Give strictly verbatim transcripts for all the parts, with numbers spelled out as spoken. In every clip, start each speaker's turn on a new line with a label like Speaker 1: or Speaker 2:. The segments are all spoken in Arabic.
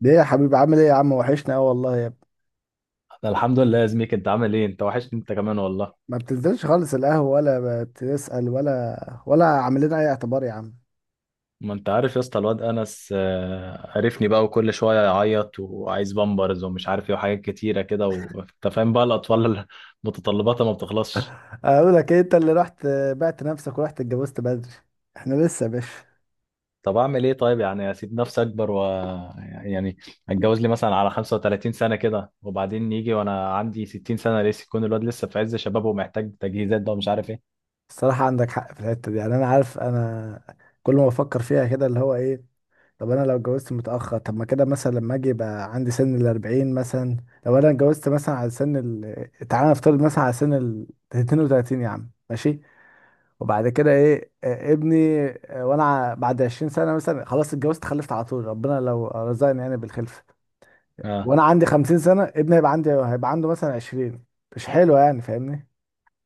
Speaker 1: ليه يا حبيبي؟ عامل ايه يا عم؟ وحشنا قوي والله يا ابني.
Speaker 2: انا الحمد لله يا زميك، انت عامل ايه؟ انت وحشني انت كمان والله.
Speaker 1: ما بتنزلش خالص القهوة، ولا بتسأل، ولا ولا عامل لنا اي اعتبار يا عم.
Speaker 2: ما انت عارف يا اسطى، الواد انس آه، عرفني بقى، وكل شويه يعيط وعايز بامبرز ومش عارف ايه وحاجات كتيره كده، وانت فاهم بقى الاطفال متطلباتها ما بتخلصش.
Speaker 1: اقول لك ايه؟ انت اللي رحت بعت نفسك ورحت اتجوزت بدري. احنا لسه يا باشا.
Speaker 2: طب اعمل ايه طيب؟ يعني اسيب نفسي اكبر و يعني اتجوز لي مثلا على خمسة وتلاتين سنة سنه كده، وبعدين يجي وانا عندي ستين سنة سنه لسه، يكون الواد لسه في عز شبابه ومحتاج تجهيزات بقى ومش عارف ايه.
Speaker 1: الصراحة عندك حق في الحتة دي، يعني انا عارف، انا كل ما بفكر فيها كده اللي هو ايه. طب انا لو اتجوزت متأخر، طب ما كده مثلا لما اجي يبقى عندي سن الأربعين مثلا. لو انا اتجوزت مثلا على سن ال، تعالى نفترض مثلا على سن ال اتنين وتلاتين يا عم، ماشي. وبعد كده ايه، آه، ابني، آه، وانا ع- بعد عشرين سنه مثلا، خلاص اتجوزت خلفت على طول ربنا لو رزقني يعني بالخلفه.
Speaker 2: آه.
Speaker 1: وانا عندي خمسين سنه ابني هيبقى عندي هيبقى عنده مثلا عشرين. مش حلو يعني، فاهمني؟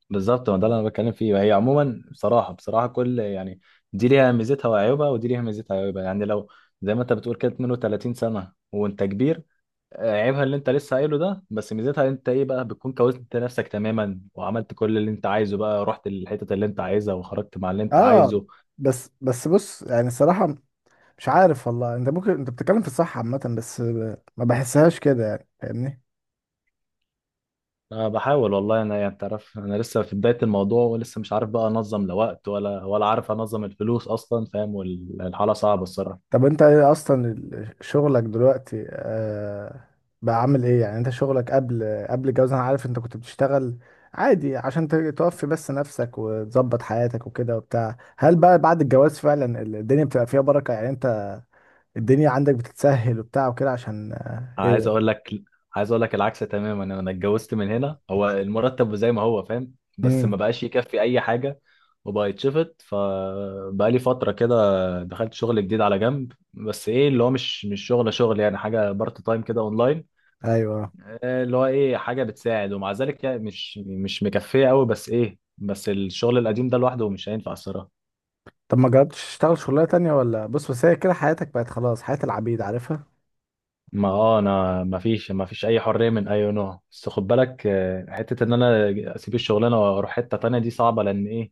Speaker 2: بالظبط، ما ده اللي انا بتكلم فيه. هي عموما بصراحه بصراحه كل يعني دي ليها ميزتها وعيوبها ودي ليها ميزتها وعيوبها، يعني لو زي ما انت بتقول كده اتنين وتلاتين سنة سنه وانت كبير. آه، عيبها اللي انت لسه قايله ده، بس ميزتها انت ايه بقى؟ بتكون كوزت نفسك تماما وعملت كل اللي انت عايزه بقى، رحت للحتت اللي انت عايزها وخرجت مع اللي انت
Speaker 1: اه.
Speaker 2: عايزه.
Speaker 1: بس بس بص، يعني الصراحه مش عارف والله. انت ممكن انت بتتكلم في الصح عامه، بس ب- ما بحسهاش كده، يعني فاهمني؟
Speaker 2: انا بحاول والله. انا يعني تعرف، انا لسه في بدايه الموضوع، ولسه مش عارف بقى انظم لا وقت ولا ولا عارف انظم الفلوس اصلا، فاهم؟ والحاله صعبه الصراحه.
Speaker 1: طب انت ايه اصلا ال- شغلك دلوقتي آه بقى، عامل ايه؟ يعني انت شغلك قبل قبل الجواز، انا عارف انت كنت بتشتغل عادي عشان ت- توفي بس نفسك وتظبط حياتك وكده وبتاع. هل بقى بعد الجواز فعلا ال- الدنيا بتبقى فيها بركة؟ يعني انت الدنيا عندك بتتسهل وبتاع وكده، عشان آه
Speaker 2: عايز
Speaker 1: ايه؟
Speaker 2: اقول لك عايز اقول لك العكس تماما. انا اتجوزت من هنا، هو المرتب زي ما هو فاهم بس
Speaker 1: امم
Speaker 2: ما بقاش يكفي اي حاجه وبقى يتشفط. فبقى لي فتره كده دخلت شغل جديد على جنب، بس ايه اللي هو مش مش شغل شغل يعني، حاجه بارت تايم كده اونلاين.
Speaker 1: ايوه.
Speaker 2: آه، اللي هو ايه حاجه بتساعد ومع ذلك يعني مش مش مكفيه قوي، بس ايه بس الشغل القديم ده لوحده مش هينفع الصراحه.
Speaker 1: طب ما جربتش تشتغل شغلانة تانية؟ ولا بص، بس هي كده حياتك بقت خلاص، حياة العبيد عارفها.
Speaker 2: ما اه انا ما فيش ما فيش اي حريه من اي نوع، بس خد بالك آه، حته ان انا اسيب الشغلانه واروح حته تانية دي صعبه، لان ايه؟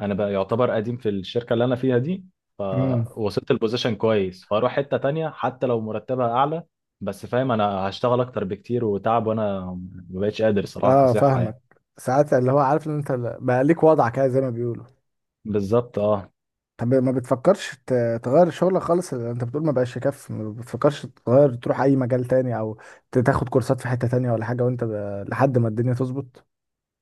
Speaker 2: انا بقى يعتبر قديم في الشركه اللي انا فيها دي،
Speaker 1: امم
Speaker 2: فوصلت البوزيشن كويس، فاروح حته تانية حتى لو مرتبها اعلى، بس فاهم انا هشتغل اكتر بكتير وتعب، وانا ما بقتش قادر صراحه
Speaker 1: اه،
Speaker 2: كصحه يعني.
Speaker 1: فاهمك. ساعات اللي هو عارف ان انت بقى ليك وضعك كده زي ما بيقولوا.
Speaker 2: بالظبط اه.
Speaker 1: طب ما بتفكرش ت- تغير شغلك خالص؟ انت بتقول ما بقاش يكفي، ما بتفكرش تغير، تروح اي مجال تاني، او ت- تاخد كورسات في حتة تانية ولا حاجة، وانت ب... لحد ما الدنيا تظبط؟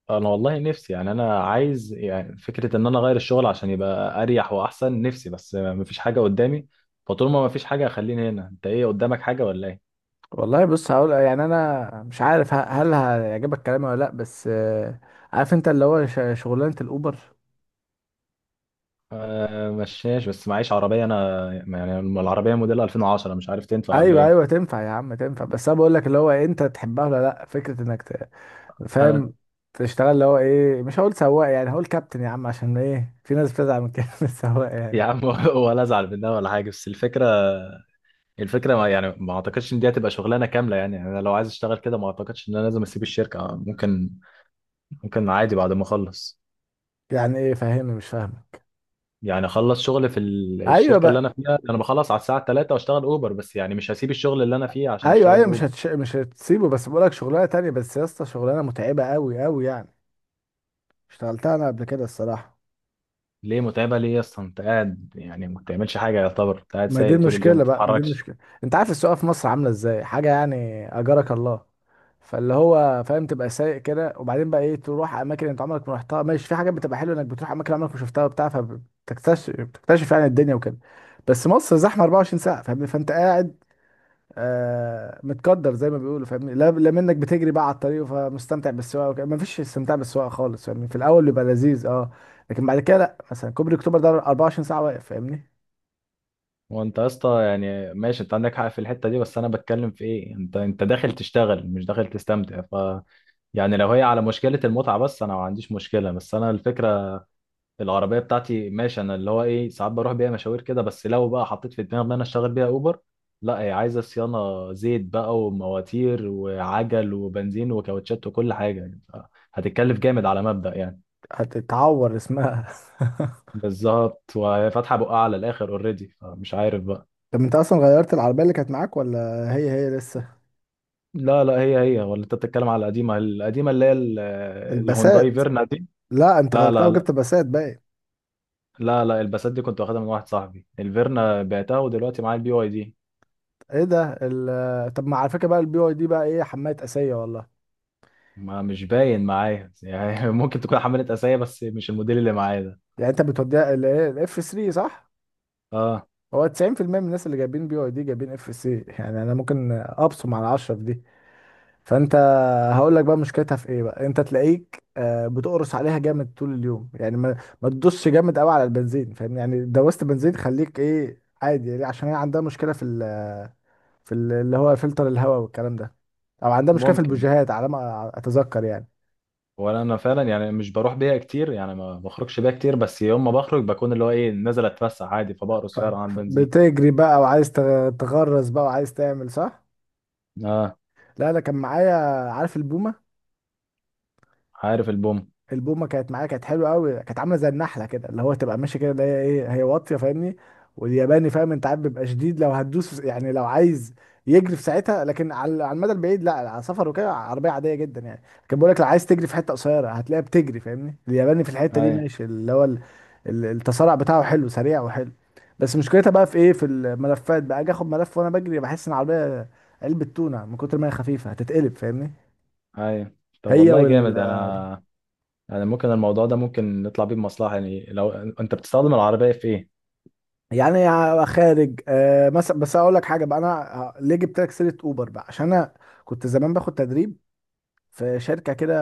Speaker 2: انا والله نفسي يعني، انا عايز يعني فكره ان انا اغير الشغل عشان يبقى اريح واحسن نفسي، بس مفيش حاجه قدامي. فطول ما مفيش حاجه خليني هنا. انت ايه، قدامك حاجه ولا ايه؟
Speaker 1: والله بص هقول، يعني انا مش عارف ه- هل هيعجبك كلامي ولا لا، بس آه، عارف انت اللي هو ش- شغلانه الاوبر.
Speaker 2: آه، مشاش بس معيش عربيه. انا يعني العربيه موديل الفين وعشرة مش عارف تنفع ولا
Speaker 1: ايوه
Speaker 2: ايه.
Speaker 1: ايوه تنفع يا عم، تنفع. بس انا بقول لك اللي هو إيه، انت تحبها ولا لا؟ فكرة انك ت...
Speaker 2: انا
Speaker 1: فاهم؟ تشتغل اللي هو ايه، مش هقول سواق، يعني هقول كابتن يا عم، عشان ايه؟ في ناس بتزعل من كلمة سواق يعني.
Speaker 2: يا عم ولا ازعل منها ولا حاجه، بس الفكره. الفكره ما يعني، ما اعتقدش ان دي هتبقى شغلانه كامله. يعني انا لو عايز اشتغل كده ما اعتقدش ان انا لازم اسيب الشركه، ممكن ممكن عادي بعد ما اخلص.
Speaker 1: يعني ايه فاهمني؟ مش فاهم؟
Speaker 2: يعني اخلص شغل في ال-
Speaker 1: ايوه
Speaker 2: الشركه اللي
Speaker 1: بقى،
Speaker 2: انا فيها، انا بخلص على الساعه تلاتة واشتغل اوبر، بس يعني مش هسيب الشغل اللي انا فيه عشان
Speaker 1: ايوه
Speaker 2: اشتغل
Speaker 1: ايوه، مش
Speaker 2: اوبر.
Speaker 1: هتش... مش هتسيبه، بس بقولك شغلانه تانية. بس يا اسطى شغلانه متعبه قوي قوي يعني، اشتغلتها انا قبل كده الصراحه.
Speaker 2: ليه متعبه ليه يا اسطى؟ انت قاعد يعني ما بتعملش حاجه، يعتبر انت قاعد
Speaker 1: ما دي
Speaker 2: سايق طول اليوم ما
Speaker 1: المشكله بقى، ما دي
Speaker 2: بتتحركش.
Speaker 1: المشكله. انت عارف السوق في مصر عامله ازاي، حاجه يعني اجرك الله. فاللي هو فاهم، تبقى سايق كده وبعدين بقى ايه؟ تروح اماكن انت عمرك ما رحتها، ماشي. في حاجات بتبقى حلوه انك بتروح اماكن عمرك ما شفتها وبتاع، فبتكتشف، بتكتشف يعني الدنيا وكده. بس مصر زحمه اربعة وعشرين ساعه، فاهم؟ فانت قاعد آه متقدر زي ما بيقولوا، فاهمني؟ لا لا، منك بتجري بقى على الطريق، فمستمتع بالسواقه وكده. مفيش استمتاع بالسواقه خالص فاهمني، في الاول بيبقى لذيذ اه، لكن بعد كده لا. مثلا كوبري اكتوبر ده اربعة وعشرين ساعه واقف فاهمني.
Speaker 2: وانت يا اسطى يعني ماشي، انت عندك حق في الحته دي، بس انا بتكلم في ايه؟ انت انت داخل تشتغل مش داخل تستمتع، ف يعني لو هي على مشكله المتعه بس انا ما عنديش مشكله، بس انا الفكره. العربيه بتاعتي ماشي، انا اللي هو ايه ساعات بروح بيها مشاوير كده، بس لو بقى حطيت في دماغي ان انا اشتغل بيها اوبر، لا هي عايزه صيانه زيت بقى ومواتير وعجل وبنزين وكاوتشات وكل حاجه يعني، ف- هتتكلف جامد على مبدأ يعني.
Speaker 1: هتتعور اسمها.
Speaker 2: بالظبط، وهي فاتحه بقها على الاخر اوريدي، فمش عارف بقى.
Speaker 1: طب انت اصلا غيرت العربيه اللي كانت معاك، ولا هي هي لسه؟
Speaker 2: لا لا، هي هي، ولا انت بتتكلم على القديمه القديمه اللي هي ال- الهونداي
Speaker 1: الباسات؟
Speaker 2: فيرنا دي؟
Speaker 1: لا، انت
Speaker 2: لا
Speaker 1: غيرتها
Speaker 2: لا لا.
Speaker 1: وجبت باسات بقت؟
Speaker 2: لا لا، الباسات دي كنت واخدها من واحد صاحبي، الفيرنا بعتها ودلوقتي معايا البي واي دي.
Speaker 1: ايه ده ال- طب ما على فكره بقى، البي واي دي بقى ايه، حمايه اسيه والله.
Speaker 2: ما مش باين معايا يعني ممكن تكون حملت اسايا بس مش الموديل اللي معايا ده.
Speaker 1: يعني انت بتوديها الايه الاف ثلاثة صح؟
Speaker 2: اه،
Speaker 1: هو تسعين في المية من الناس اللي جايبين بي واي دي جايبين اف سي، يعني انا ممكن ابصم على عشرة في دي. فانت، هقول لك بقى مشكلتها في ايه بقى. انت تلاقيك آه، بتقرص عليها جامد طول اليوم، يعني ما ما تدوسش جامد قوي على البنزين فاهم؟ يعني دوست بنزين خليك ايه عادي، يعني عشان هي عندها مشكله في ال في ال اللي هو فلتر الهواء والكلام ده، او عندها مشكله في
Speaker 2: ممكن.
Speaker 1: البوجيهات على ما اتذكر يعني.
Speaker 2: ولا انا فعلا يعني مش بروح بيها كتير يعني، ما بخرجش بيها كتير، بس يوم ما بخرج بكون اللي هو ايه نازل اتفسح عادي، فبقرص
Speaker 1: ف-
Speaker 2: فعلا عن
Speaker 1: ف-
Speaker 2: بنزين.
Speaker 1: بتجري بقى وعايز تغ- تغرز بقى، وعايز تعمل صح.
Speaker 2: اه.
Speaker 1: لا انا كان معايا، عارف البومه؟
Speaker 2: عارف البوم.
Speaker 1: البومه كانت معايا، كانت حلوه قوي، كانت عامله زي النحله كده، اللي هو تبقى ماشي كده اللي هي ايه، هي واطيه فاهمني. والياباني فاهم انت، عارف بيبقى شديد لو هتدوس، يعني لو عايز يجري في ساعتها، لكن على على المدى البعيد لا، على سفر وكده عربيه عاديه جدا يعني. كان بيقول لك لو عايز تجري في حته قصيره هتلاقيها بتجري فاهمني. الياباني في الحته دي
Speaker 2: اي
Speaker 1: ماشي اللي هو ال- ال- التسارع بتاعه حلو، سريع وحلو. بس مشكلتها بقى في ايه؟ في الملفات بقى. اجي اخد ملف وانا بجري بحس ان العربيه علبه تونه من كتر ما هي خفيفه، هتتقلب فاهمني.
Speaker 2: اي. طب
Speaker 1: هي
Speaker 2: والله
Speaker 1: وال...
Speaker 2: جامد انا. يعني ممكن الموضوع ده ممكن نطلع بيه بمصلحة، يعني لو انت بتستخدم العربية في ايه؟
Speaker 1: يعني ع- خارج آه مثلا. بس اقول لك حاجه بقى، انا آه، ليه جبت لك سيره اوبر بقى؟ عشان انا كنت زمان باخد تدريب في شركه كده،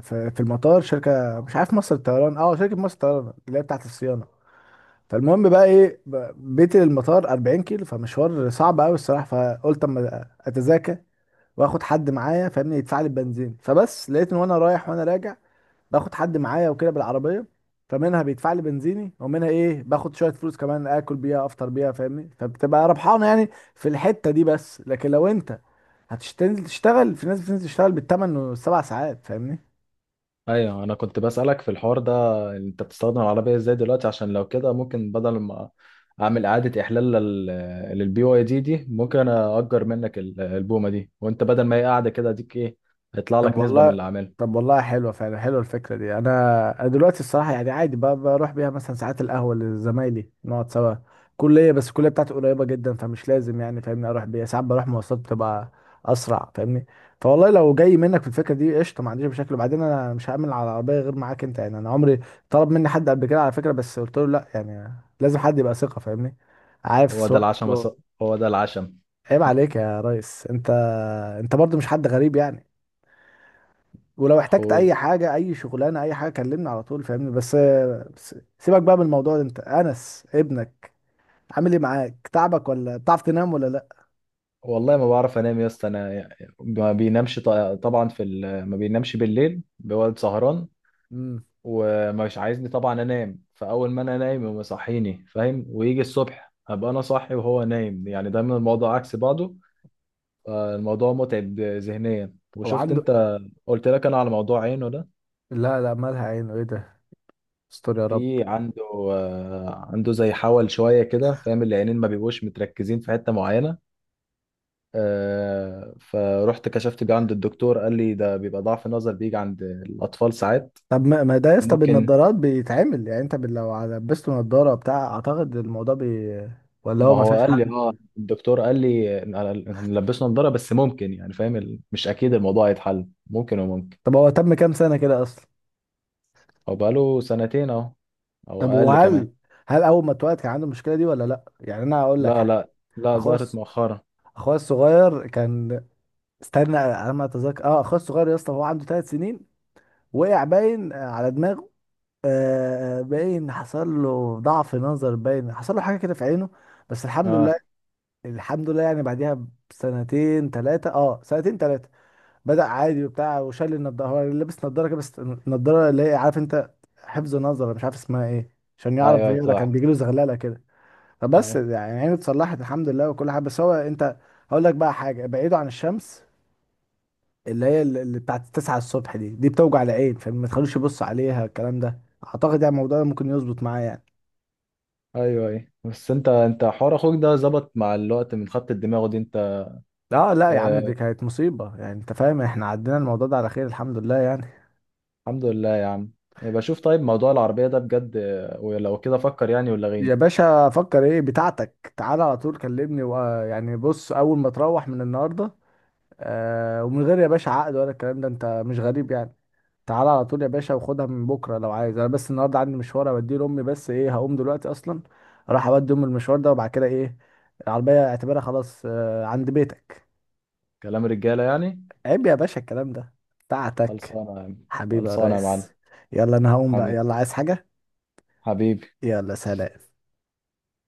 Speaker 1: في, في المطار، شركه مش عارف، مصر الطيران، اه شركه مصر الطيران اللي هي بتاعت الصيانه. فالمهم بقى ايه، ب- بيتي للمطار اربعين كيلو، فمشوار صعب قوي الصراحه. فقلت اما اتذاكى واخد حد معايا فاهمني، يدفع لي البنزين. فبس لقيت ان وانا رايح وانا راجع باخد حد معايا وكده بالعربيه، فمنها بيدفع لي بنزيني، ومنها ايه باخد شويه فلوس كمان، اكل بيها، افطر بيها فاهمني، فبتبقى ربحانه يعني في الحته دي. بس لكن لو انت هتشتغل تشتغل، في ناس بتنزل تشتغل بالثمان والسبع ساعات فاهمني.
Speaker 2: ايوه، انا كنت بسألك في الحوار ده، انت بتستخدم العربية ازاي دلوقتي؟ عشان لو كده ممكن بدل ما اعمل اعادة احلال لل للبي واي دي دي، ممكن اجر منك ال- البومة دي. وانت بدل ما هي قاعدة كده، اديك ايه؟ هيطلع
Speaker 1: طب
Speaker 2: لك نسبة من
Speaker 1: والله،
Speaker 2: اللي عاملها.
Speaker 1: طب والله حلوه فعلا، حلوه الفكره دي. انا، أنا دلوقتي الصراحه يعني عادي ب- بروح بيها مثلا ساعات القهوه لزمايلي نقعد سوا كليه، بس الكليه بتاعتي قريبه جدا فمش لازم يعني فاهمني. اروح بيها ساعات، بروح مواصلات بتبقى اسرع فاهمني. فوالله لو جاي منك في الفكره دي قشطه، ما عنديش مشاكل. وبعدين انا مش هعمل على العربيه غير معاك انت يعني، انا عمري طلب مني حد قبل كده على فكره، بس قلت له لا يعني، لازم حد يبقى ثقه فاهمني، عارف
Speaker 2: هو ده العشم يا ص-
Speaker 1: سواقته.
Speaker 2: هو ده العشم،
Speaker 1: عيب عليك يا ريس، انت انت برضو مش حد غريب يعني، ولو احتجت
Speaker 2: اخويا.
Speaker 1: اي حاجه، اي شغلانه، اي حاجه، كلمني على طول فاهمني. بس بس، سيبك بقى من الموضوع ده، انت انس ابنك عامل ايه معاك؟ تعبك ولا بتعرف تنام ولا لا؟
Speaker 2: والله ما بعرف انام يا اسطى. انا ما بينامش ط- طبعا، في ال... ما بينامش بالليل، بيقعد سهران.
Speaker 1: امم
Speaker 2: ومش عايزني طبعا انام، فاول ما انا نايم يقوم يصحيني، فاهم؟ ويجي الصبح هبقى انا صاحي وهو نايم، يعني دايما الموضوع عكس بعضه. فالموضوع متعب ذهنيا.
Speaker 1: او
Speaker 2: وشفت
Speaker 1: عنده؟
Speaker 2: انت، قلت لك انا على موضوع عينه ده.
Speaker 1: لا لا، مالها عينه، ايه ده؟ استر يا رب.
Speaker 2: في عنده آه، عنده زي حول شويه كده، فاهم؟ العينين ما بيبقوش متركزين في حته معينه. آه، فرحت كشفت بيه عند الدكتور، قال لي ده بيبقى ضعف نظر بيجي عند الاطفال ساعات.
Speaker 1: طب ما ما ده يا اسطى
Speaker 2: ممكن.
Speaker 1: بالنضارات بيتعمل يعني، انت بال- لو لبسته نضاره بتاع اعتقد الموضوع بي... ولا هو
Speaker 2: ما
Speaker 1: ما
Speaker 2: هو
Speaker 1: فيهاش
Speaker 2: قال لي
Speaker 1: حل؟
Speaker 2: اه الدكتور قال لي إن- هنلبسه نضاره، بس ممكن يعني فاهم ال- مش اكيد الموضوع هيتحل، ممكن وممكن.
Speaker 1: طب هو تم كام سنه كده اصلا؟
Speaker 2: هو بقاله سنتين اهو، او
Speaker 1: طب
Speaker 2: اقل كمان.
Speaker 1: وهل، هل اول ما اتولد كان عنده المشكله دي ولا لا؟ يعني انا هقول لك
Speaker 2: لا
Speaker 1: حاجه.
Speaker 2: لا لا.
Speaker 1: اخويا
Speaker 2: ظهرت
Speaker 1: الص-
Speaker 2: مؤخرا.
Speaker 1: اخويا الصغير كان، استنى على ما اتذكر، اه اخويا الصغير يا اسطى هو عنده ثلاث سنين وقع، باين آه، على دماغه، آه باين حصل له ضعف نظر، باين حصل له حاجه كده في عينه. بس الحمد لله،
Speaker 2: اه.
Speaker 1: الحمد لله. يعني بعديها بسنتين ثلاثه، اه سنتين ثلاثه بدأ عادي وبتاع، وشال النضاره. هو لابس نضاره كده بس النضاره اللي هي عارف انت، حفظ نظر مش عارف اسمها ايه، عشان
Speaker 2: ايوه
Speaker 1: يعرف
Speaker 2: أيوه،
Speaker 1: يقرا كان
Speaker 2: صح.
Speaker 1: بيجيله زغلله كده. فبس
Speaker 2: ايوه
Speaker 1: يعني عينه اتصلحت الحمد لله وكل حاجه. بس هو انت، هقول لك بقى حاجه، بعيده عن الشمس اللي هي ال- اللي بتاعت التسعة الصبح، دي دي بتوجع العين، فما تخلوش يبص عليها، الكلام ده اعتقد يعني الموضوع ده ممكن يظبط معاه يعني.
Speaker 2: ايوه ايوه. بس انت انت حوار اخوك ده ظبط مع الوقت من خط الدماغ دي انت؟
Speaker 1: لا لا يا عم،
Speaker 2: آه.
Speaker 1: دي كانت مصيبة يعني، انت فاهم، احنا عدينا الموضوع ده على خير الحمد لله يعني.
Speaker 2: الحمد لله يا عم. يبقى شوف طيب، موضوع العربية ده بجد آه، ولو كده فكر يعني، ولا
Speaker 1: يا
Speaker 2: غيني.
Speaker 1: باشا فكر ايه بتاعتك، تعالى على طول كلمني و... يعني بص، اول ما تروح من النهاردة آه ومن غير يا باشا عقد ولا الكلام ده، انت مش غريب يعني. تعالى على طول يا باشا وخدها من بكره لو عايز. انا بس النهارده عندي مشوار اوديه لامي، بس ايه هقوم دلوقتي اصلا، اروح اودي امي المشوار ده، وبعد كده ايه، العربيه اعتبرها خلاص آه، عند بيتك.
Speaker 2: كلام رجالة يعني.
Speaker 1: عيب يا باشا الكلام ده، بتاعتك.
Speaker 2: خلصانة يا عم.
Speaker 1: حبيبي يا
Speaker 2: خلصانة يا معلم.
Speaker 1: ريس. يلا انا هقوم بقى،
Speaker 2: حبيبي.
Speaker 1: يلا عايز حاجه؟
Speaker 2: حبيبي.
Speaker 1: يلا سلام.